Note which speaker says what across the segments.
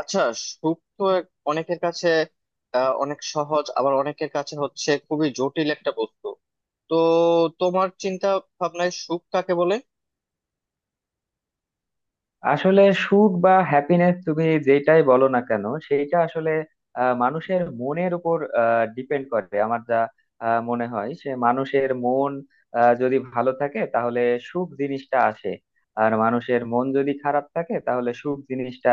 Speaker 1: আচ্ছা, সুখ তো অনেকের কাছে অনেক সহজ, আবার অনেকের কাছে হচ্ছে খুবই জটিল একটা বস্তু। তো তোমার চিন্তা ভাবনায় সুখ কাকে বলে?
Speaker 2: আসলে সুখ বা হ্যাপিনেস তুমি যেটাই বলো না কেন সেইটা আসলে মানুষের মনের উপর ডিপেন্ড করে। আমার যা মনে হয়, সে মানুষের মন যদি ভালো থাকে তাহলে সুখ জিনিসটা আসে। আর মানুষের মন যদি খারাপ থাকে তাহলে সুখ জিনিসটা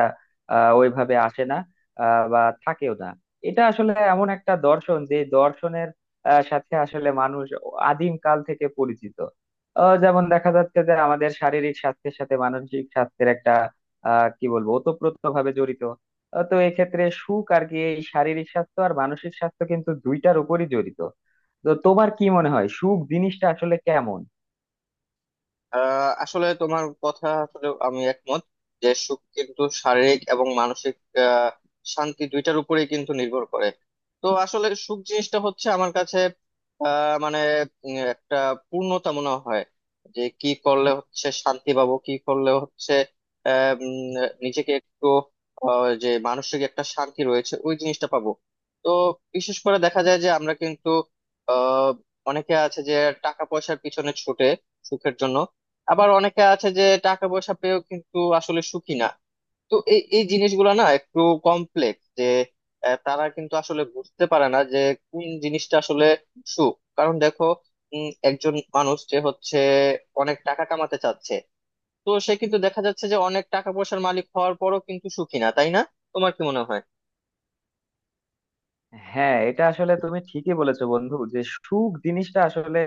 Speaker 2: ওইভাবে আসে না বা থাকেও না। এটা আসলে এমন একটা দর্শন যে দর্শনের সাথে আসলে মানুষ আদিম কাল থেকে পরিচিত। যেমন দেখা যাচ্ছে যে আমাদের শারীরিক স্বাস্থ্যের সাথে মানসিক স্বাস্থ্যের একটা কি বলবো, ওতপ্রোত ভাবে জড়িত। তো এক্ষেত্রে সুখ আর কি, এই শারীরিক স্বাস্থ্য আর মানসিক স্বাস্থ্য কিন্তু দুইটার উপরই জড়িত। তো তোমার কি মনে হয় সুখ জিনিসটা আসলে কেমন?
Speaker 1: আসলে তোমার কথা আসলে আমি একমত যে সুখ কিন্তু শারীরিক এবং মানসিক আহ, শান্তি দুইটার উপরেই কিন্তু নির্ভর করে। তো আসলে সুখ জিনিসটা হচ্ছে আমার কাছে মানে একটা পূর্ণতা মনে হয়। যে কি করলে হচ্ছে শান্তি পাবো, কি করলে হচ্ছে আহ, উম, নিজেকে একটু যে মানসিক একটা শান্তি রয়েছে ওই জিনিসটা পাবো। তো বিশেষ করে দেখা যায় যে আমরা কিন্তু আহ, অনেকে আছে যে টাকা পয়সার পিছনে ছুটে সুখের জন্য। আবার অনেকে আছে যে টাকা পয়সা পেয়েও কিন্তু আসলে সুখী না। তো এই এই জিনিসগুলো না একটু কমপ্লেক্স যে তারা কিন্তু আসলে বুঝতে পারে না যে কোন জিনিসটা আসলে সুখ। কারণ দেখো, একজন মানুষ যে হচ্ছে অনেক টাকা কামাতে চাচ্ছে, তো সে কিন্তু দেখা যাচ্ছে যে অনেক টাকা পয়সার মালিক হওয়ার পরও কিন্তু সুখী না, তাই না? তোমার কি মনে হয়?
Speaker 2: হ্যাঁ, এটা আসলে তুমি ঠিকই বলেছো বন্ধু, যে সুখ জিনিসটা আসলে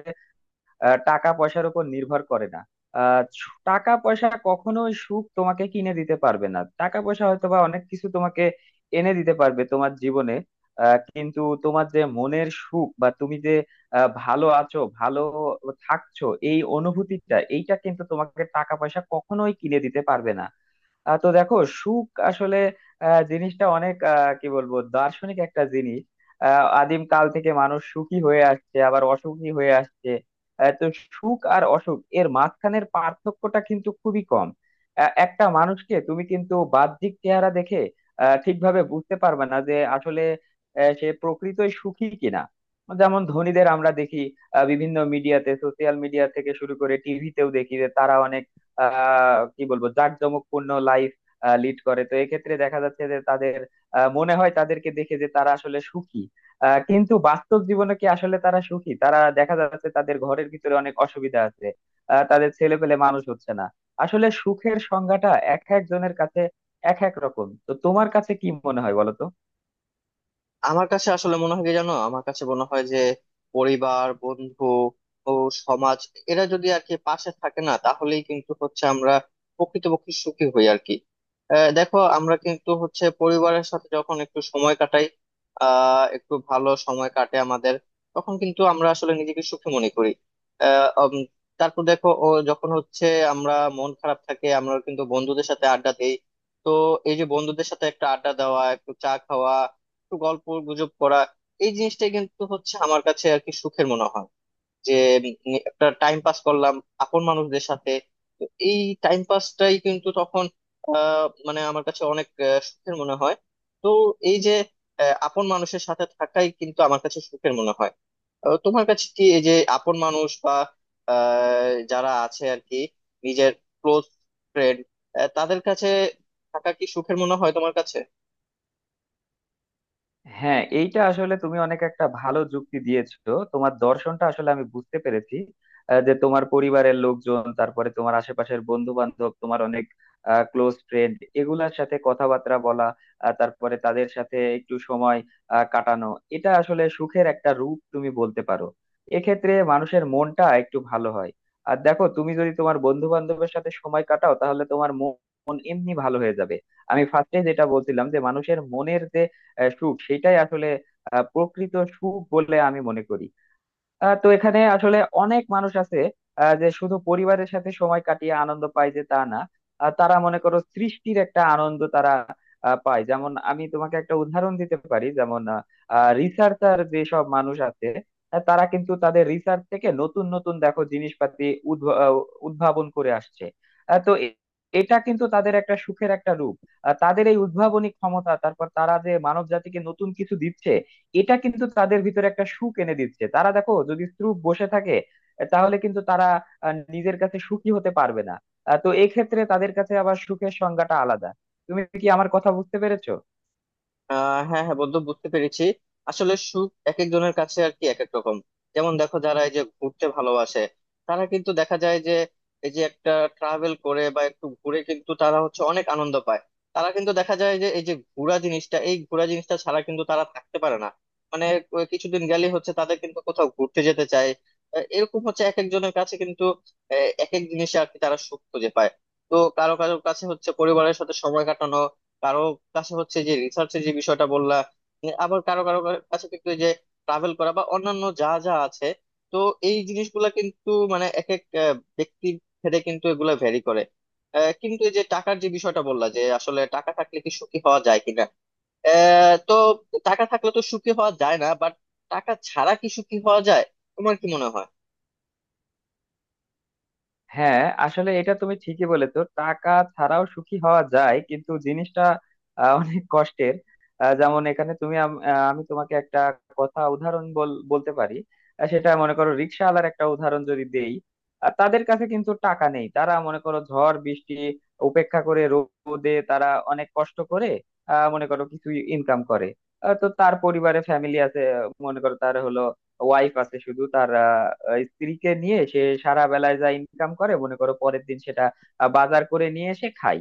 Speaker 2: টাকা পয়সার উপর নির্ভর করে না। টাকা পয়সা কখনোই সুখ তোমাকে কিনে দিতে পারবে না। টাকা পয়সা হয়তো বা অনেক কিছু তোমাকে এনে দিতে পারবে তোমার জীবনে, কিন্তু তোমার যে মনের সুখ বা তুমি যে ভালো আছো, ভালো থাকছো, এই অনুভূতিটা এইটা কিন্তু তোমাকে টাকা পয়সা কখনোই কিনে দিতে পারবে না। তো দেখো, সুখ আসলে জিনিসটা অনেক কি বলবো, দার্শনিক একটা জিনিস। আদিম কাল থেকে মানুষ সুখী হয়ে আসছে, আবার অসুখী হয়ে আসছে। তো সুখ আর অসুখ এর মাঝখানের পার্থক্যটা কিন্তু খুবই কম। একটা মানুষকে তুমি কিন্তু বাহ্যিক চেহারা দেখে ঠিকভাবে বুঝতে পারবে না যে আসলে সে প্রকৃতই সুখী কিনা। যেমন ধনীদের আমরা দেখি বিভিন্ন মিডিয়াতে, সোশ্যাল মিডিয়া থেকে শুরু করে টিভিতেও দেখি যে তারা অনেক কি বলবো, জাঁকজমকপূর্ণ লাইফ লিড করে। তো এক্ষেত্রে দেখা যাচ্ছে যে তাদের মনে হয়, তাদেরকে দেখে, যে তারা আসলে সুখী। কিন্তু বাস্তব জীবনে কি আসলে তারা সুখী? তারা দেখা যাচ্ছে তাদের ঘরের ভিতরে অনেক অসুবিধা আছে, তাদের ছেলে পেলে মানুষ হচ্ছে না। আসলে সুখের সংজ্ঞাটা এক একজনের কাছে এক এক রকম। তো তোমার কাছে কি মনে হয় বলো তো?
Speaker 1: আমার কাছে আসলে মনে হয় কি জানো, আমার কাছে মনে হয় যে পরিবার, বন্ধু ও সমাজ, এরা যদি আর কি পাশে থাকে না, তাহলেই কিন্তু হচ্ছে আমরা প্রকৃতপক্ষে সুখী হই আর কি। দেখো আমরা কিন্তু হচ্ছে পরিবারের সাথে যখন একটু সময় কাটাই, একটু ভালো সময় কাটে আমাদের, তখন কিন্তু আমরা আসলে নিজেকে সুখী মনে করি। আহ উম, তারপর দেখো, ও যখন হচ্ছে আমরা মন খারাপ থাকে, আমরা কিন্তু বন্ধুদের সাথে আড্ডা দিই। তো এই যে বন্ধুদের সাথে একটা আড্ডা দেওয়া, একটু চা খাওয়া, একটু গল্প গুজব করা, এই জিনিসটাই কিন্তু হচ্ছে আমার কাছে আর কি সুখের মনে হয়। যে একটা টাইম পাস করলাম আপন মানুষদের সাথে। তো এই টাইম পাসটাই কিন্তু তখন মানে আমার কাছে অনেক সুখের মনে হয়। তো এই যে আপন মানুষের সাথে থাকাই কিন্তু আমার কাছে সুখের মনে হয়। তোমার কাছে কি এই যে আপন মানুষ বা যারা আছে আর কি নিজের ক্লোজ ফ্রেন্ড, তাদের কাছে থাকা কি সুখের মনে হয় তোমার কাছে?
Speaker 2: হ্যাঁ, এইটা আসলে তুমি অনেক একটা ভালো যুক্তি দিয়েছো। তোমার দর্শনটা আসলে আমি বুঝতে পেরেছি, যে তোমার পরিবারের লোকজন, তারপরে তোমার আশেপাশের বন্ধু বান্ধব, তোমার অনেক ক্লোজ ফ্রেন্ড, এগুলার সাথে কথাবার্তা বলা, তারপরে তাদের সাথে একটু সময় কাটানো, এটা আসলে সুখের একটা রূপ তুমি বলতে পারো। এক্ষেত্রে মানুষের মনটা একটু ভালো হয়। আর দেখো, তুমি যদি তোমার বন্ধু বান্ধবের সাথে সময় কাটাও তাহলে তোমার মন এমনি ভালো হয়ে যাবে। আমি ফার্স্টে যেটা বলছিলাম, যে মানুষের মনের যে সুখ, সেটাই আসলে প্রকৃত সুখ বলে আমি মনে করি। তো এখানে আসলে অনেক মানুষ আছে যে শুধু পরিবারের সাথে সময় কাটিয়ে আনন্দ পায় যে তা না, তারা মনে করো সৃষ্টির একটা আনন্দ তারা পায়। যেমন আমি তোমাকে একটা উদাহরণ দিতে পারি, যেমন রিসার্চার যেসব মানুষ আছে তারা কিন্তু তাদের রিসার্চ থেকে নতুন নতুন, দেখো, জিনিসপাতি উদ্ভ- আহ, উদ্ভাবন করে আসছে। আহ, তো এ- এটা কিন্তু তাদের একটা সুখের একটা রূপ। তাদের এই উদ্ভাবনী ক্ষমতা, তারপর তারা যে মানব জাতিকে নতুন কিছু দিচ্ছে, এটা কিন্তু তাদের ভিতরে একটা সুখ এনে দিচ্ছে। তারা দেখো, যদি স্ত্রূপ বসে থাকে তাহলে কিন্তু তারা নিজের কাছে সুখী হতে পারবে না। তো এক্ষেত্রে তাদের কাছে আবার সুখের সংজ্ঞাটা আলাদা। তুমি কি আমার কথা বুঝতে পেরেছো?
Speaker 1: হ্যাঁ হ্যাঁ বন্ধু, বুঝতে পেরেছি। আসলে সুখ এক একজনের কাছে আর কি এক এক রকম। যেমন দেখো, যারা এই যে ঘুরতে ভালোবাসে, তারা কিন্তু দেখা যায় যে এই যে একটা ট্রাভেল করে বা একটু ঘুরে, কিন্তু তারা হচ্ছে অনেক আনন্দ পায়। তারা কিন্তু দেখা যায় যে এই যে ঘোরা জিনিসটা, এই ঘোরা জিনিসটা ছাড়া কিন্তু তারা থাকতে পারে না। মানে কিছুদিন গেলে হচ্ছে তাদের কিন্তু কোথাও ঘুরতে যেতে চায়। এরকম হচ্ছে এক একজনের কাছে কিন্তু এক এক জিনিসে আর কি তারা সুখ খুঁজে পায়। তো কারো কারো কাছে হচ্ছে পরিবারের সাথে সময় কাটানো, কারো কাছে হচ্ছে যে রিসার্চের যে বিষয়টা বললা, মানে আবার কারো কারো কাছে কিন্তু এই যে ট্রাভেল করা বা অন্যান্য যা যা আছে। তো এই জিনিসগুলা কিন্তু মানে এক এক ব্যক্তির ভেদে কিন্তু এগুলা ভ্যারি করে। কিন্তু এই যে টাকার যে বিষয়টা বললা যে আসলে টাকা থাকলে কি সুখী হওয়া যায় কিনা, তো টাকা থাকলে তো সুখী হওয়া যায় না, বাট টাকা ছাড়া কি সুখী হওয়া যায়? তোমার কি মনে হয়?
Speaker 2: হ্যাঁ, আসলে এটা তুমি ঠিকই বলেছো, টাকা ছাড়াও সুখী হওয়া যায়, কিন্তু জিনিসটা অনেক কষ্টের। যেমন এখানে তুমি আমি তোমাকে একটা উদাহরণ বলতে পারি। সেটা মনে করো, রিক্সাওয়ালার একটা উদাহরণ যদি দেই, তাদের কাছে কিন্তু টাকা নেই। তারা মনে করো ঝড় বৃষ্টি উপেক্ষা করে রোদে তারা অনেক কষ্ট করে মনে করো কিছু ইনকাম করে। তো তার পরিবারে ফ্যামিলি আছে, মনে করো তার হলো ওয়াইফ আছে। শুধু তার স্ত্রীকে নিয়ে সে সারা বেলায় যা ইনকাম করে, মনে করো পরের দিন সেটা বাজার করে নিয়ে এসে খায়।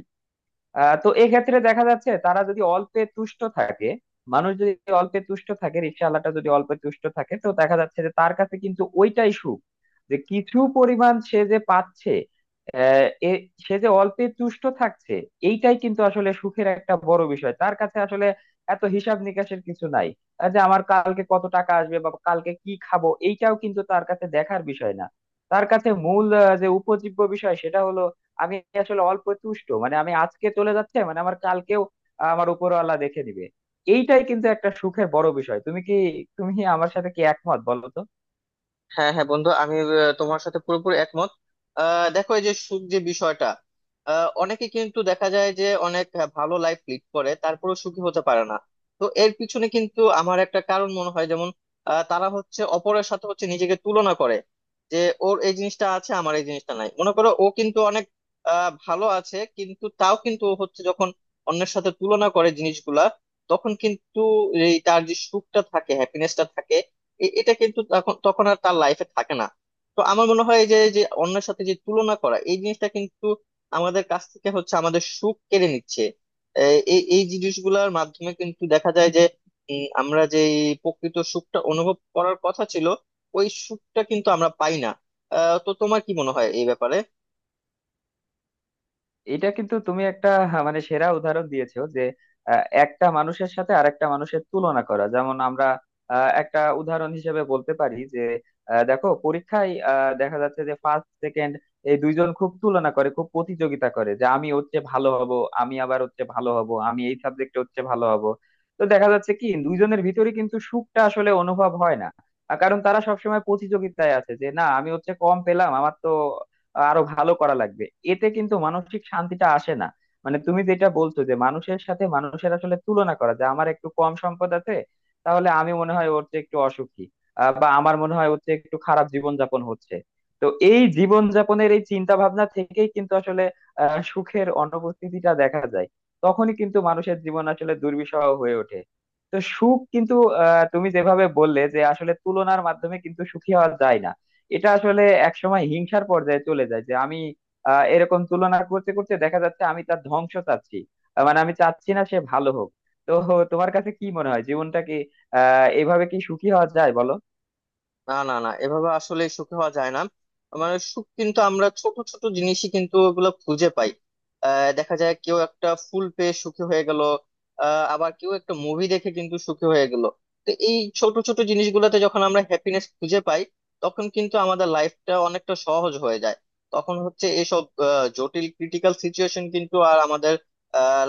Speaker 2: তো এক্ষেত্রে দেখা যাচ্ছে, তারা যদি অল্পে তুষ্ট থাকে, মানুষ যদি অল্পে তুষ্ট থাকে, রিকশাওয়ালাটা যদি অল্পে তুষ্ট থাকে, তো দেখা যাচ্ছে যে তার কাছে কিন্তু ওইটাই সুখ। যে কিছু পরিমাণ সে যে পাচ্ছে, আহ, এ সে যে অল্পে তুষ্ট থাকছে, এইটাই কিন্তু আসলে সুখের একটা বড় বিষয়। তার কাছে আসলে এত হিসাব নিকাশের কিছু নাই, যে আমার কালকে কত টাকা আসবে বা কালকে কি খাবো, এইটাও কিন্তু তার কাছে দেখার বিষয় না। তার কাছে মূল যে উপজীব্য বিষয় সেটা হলো, আমি আসলে অল্প তুষ্ট, মানে আমি আজকে চলে যাচ্ছে, মানে আমার কালকেও আমার উপরওয়ালা দেখে দিবে। এইটাই কিন্তু একটা সুখের বড় বিষয়। তুমি কি আমার সাথে কি একমত বলো তো?
Speaker 1: হ্যাঁ হ্যাঁ বন্ধু, আমি তোমার সাথে পুরোপুরি একমত। দেখো এই যে সুখ যে বিষয়টা, অনেকে কিন্তু দেখা যায় যে অনেক ভালো লাইফ লিড করে তারপরেও সুখী হতে পারে না। তো এর পিছনে কিন্তু আমার একটা কারণ মনে হয়, যেমন তারা হচ্ছে অপরের সাথে হচ্ছে নিজেকে তুলনা করে। যে ওর এই জিনিসটা আছে, আমার এই জিনিসটা নাই, মনে করো ও কিন্তু অনেক ভালো আছে, কিন্তু তাও কিন্তু ও হচ্ছে যখন অন্যের সাথে তুলনা করে জিনিসগুলা, তখন কিন্তু এই তার যে সুখটা থাকে, হ্যাপিনেসটা থাকে, এটা কিন্তু তখন তখন আর তার লাইফে থাকে না। তো আমার মনে হয় যে যে অন্যের সাথে যে তুলনা করা এই জিনিসটা কিন্তু আমাদের কাছ থেকে হচ্ছে আমাদের সুখ কেড়ে নিচ্ছে। এই এই জিনিসগুলোর মাধ্যমে কিন্তু দেখা যায় যে আমরা যে এই প্রকৃত সুখটা অনুভব করার কথা ছিল, ওই সুখটা কিন্তু আমরা পাই না। তো তোমার কি মনে হয় এই ব্যাপারে?
Speaker 2: এটা কিন্তু তুমি একটা, হ্যাঁ, মানে সেরা উদাহরণ দিয়েছো, যে একটা মানুষের সাথে আরেকটা মানুষের তুলনা করা। যেমন আমরা একটা উদাহরণ হিসেবে বলতে পারি যে দেখো পরীক্ষায় দেখা যাচ্ছে যে ফার্স্ট সেকেন্ড এই দুইজন খুব তুলনা করে, খুব প্রতিযোগিতা করে, যে আমি হচ্ছে ভালো হব, আমি আবার হচ্ছে ভালো হব, আমি এই সাবজেক্টে হচ্ছে ভালো হব। তো দেখা যাচ্ছে কি, দুইজনের ভিতরে কিন্তু সুখটা আসলে অনুভব হয় না, কারণ তারা সবসময় প্রতিযোগিতায় আছে যে, না আমি হচ্ছে কম পেলাম, আমার তো আরো ভালো করা লাগবে। এতে কিন্তু মানসিক শান্তিটা আসে না। মানে তুমি যেটা বলছো, যে মানুষের সাথে মানুষের আসলে তুলনা করা, যে আমার একটু কম সম্পদ আছে, তাহলে আমি মনে হয় ওর চেয়ে একটু অসুখী, বা আমার মনে হয় ওর চেয়ে একটু খারাপ জীবনযাপন হচ্ছে। তো এই জীবনযাপনের এই চিন্তা ভাবনা থেকেই কিন্তু আসলে সুখের অনুপস্থিতিটা দেখা যায়। তখনই কিন্তু মানুষের জীবন আসলে দুর্বিষহ হয়ে ওঠে। তো সুখ কিন্তু তুমি যেভাবে বললে, যে আসলে তুলনার মাধ্যমে কিন্তু সুখী হওয়া যায় না। এটা আসলে একসময় হিংসার পর্যায়ে চলে যায়, যে আমি এরকম তুলনা করতে করতে দেখা যাচ্ছে আমি তার ধ্বংস চাচ্ছি, মানে আমি চাচ্ছি না সে ভালো হোক। তো তোমার কাছে কি মনে হয় জীবনটা কি এভাবে কি সুখী হওয়া যায় বলো?
Speaker 1: না না না, এভাবে আসলে সুখী হওয়া যায় না। মানে সুখ কিন্তু আমরা ছোট ছোট জিনিসই কিন্তু ওগুলো খুঁজে পাই। দেখা যায় কেউ একটা ফুল পেয়ে সুখী হয়ে গেল, আবার কেউ একটা মুভি দেখে কিন্তু সুখী হয়ে গেল। তো এই ছোট ছোট জিনিসগুলোতে যখন আমরা হ্যাপিনেস খুঁজে পাই, তখন কিন্তু আমাদের লাইফটা অনেকটা সহজ হয়ে যায়। তখন হচ্ছে এসব জটিল ক্রিটিক্যাল সিচুয়েশন কিন্তু আর আমাদের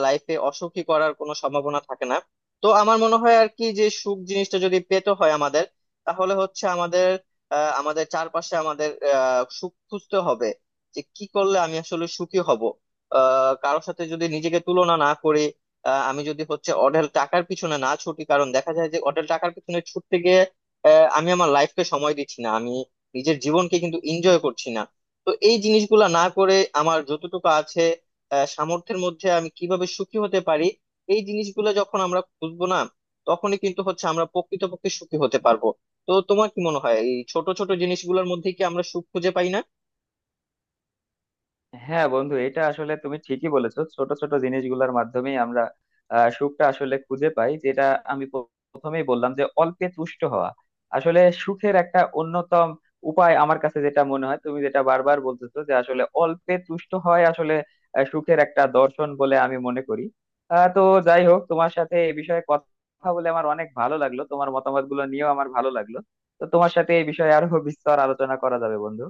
Speaker 1: লাইফে অসুখী করার কোনো সম্ভাবনা থাকে না। তো আমার মনে হয় আর কি যে সুখ জিনিসটা যদি পেতে হয় আমাদের, তাহলে হচ্ছে আমাদের আমাদের চারপাশে আমাদের সুখ খুঁজতে হবে। যে কি করলে আমি আসলে সুখী হব। কারোর সাথে যদি নিজেকে তুলনা না করি, আমি যদি হচ্ছে অঢেল টাকার পিছনে না ছুটি, কারণ দেখা যায় যে অঢেল টাকার পিছনে ছুটতে গিয়ে আমি আমার লাইফকে সময় দিচ্ছি না, আমি নিজের জীবনকে কিন্তু এনজয় করছি না। তো এই জিনিসগুলা না করে আমার যতটুকু আছে সামর্থ্যের মধ্যে আমি কিভাবে সুখী হতে পারি, এই জিনিসগুলো যখন আমরা খুঁজবো না, তখনই কিন্তু হচ্ছে আমরা প্রকৃতপক্ষে সুখী হতে পারবো। তো তোমার কি মনে হয় এই ছোট ছোট জিনিসগুলোর মধ্যে কি আমরা সুখ খুঁজে পাই না?
Speaker 2: হ্যাঁ বন্ধু, এটা আসলে তুমি ঠিকই বলেছো, ছোট ছোট জিনিসগুলোর মাধ্যমেই আমরা সুখটা আসলে খুঁজে পাই। যেটা আমি প্রথমেই বললাম, যে অল্পে তুষ্ট হওয়া আসলে সুখের একটা অন্যতম উপায় আমার কাছে যেটা মনে হয়। তুমি যেটা বারবার বলতেছো, যে আসলে অল্পে তুষ্ট হয় আসলে সুখের একটা দর্শন বলে আমি মনে করি। তো যাই হোক, তোমার সাথে এই বিষয়ে কথা বলে আমার অনেক ভালো লাগলো, তোমার মতামতগুলো নিয়েও আমার ভালো লাগলো। তো তোমার সাথে এই বিষয়ে আরো বিস্তর আলোচনা করা যাবে বন্ধু।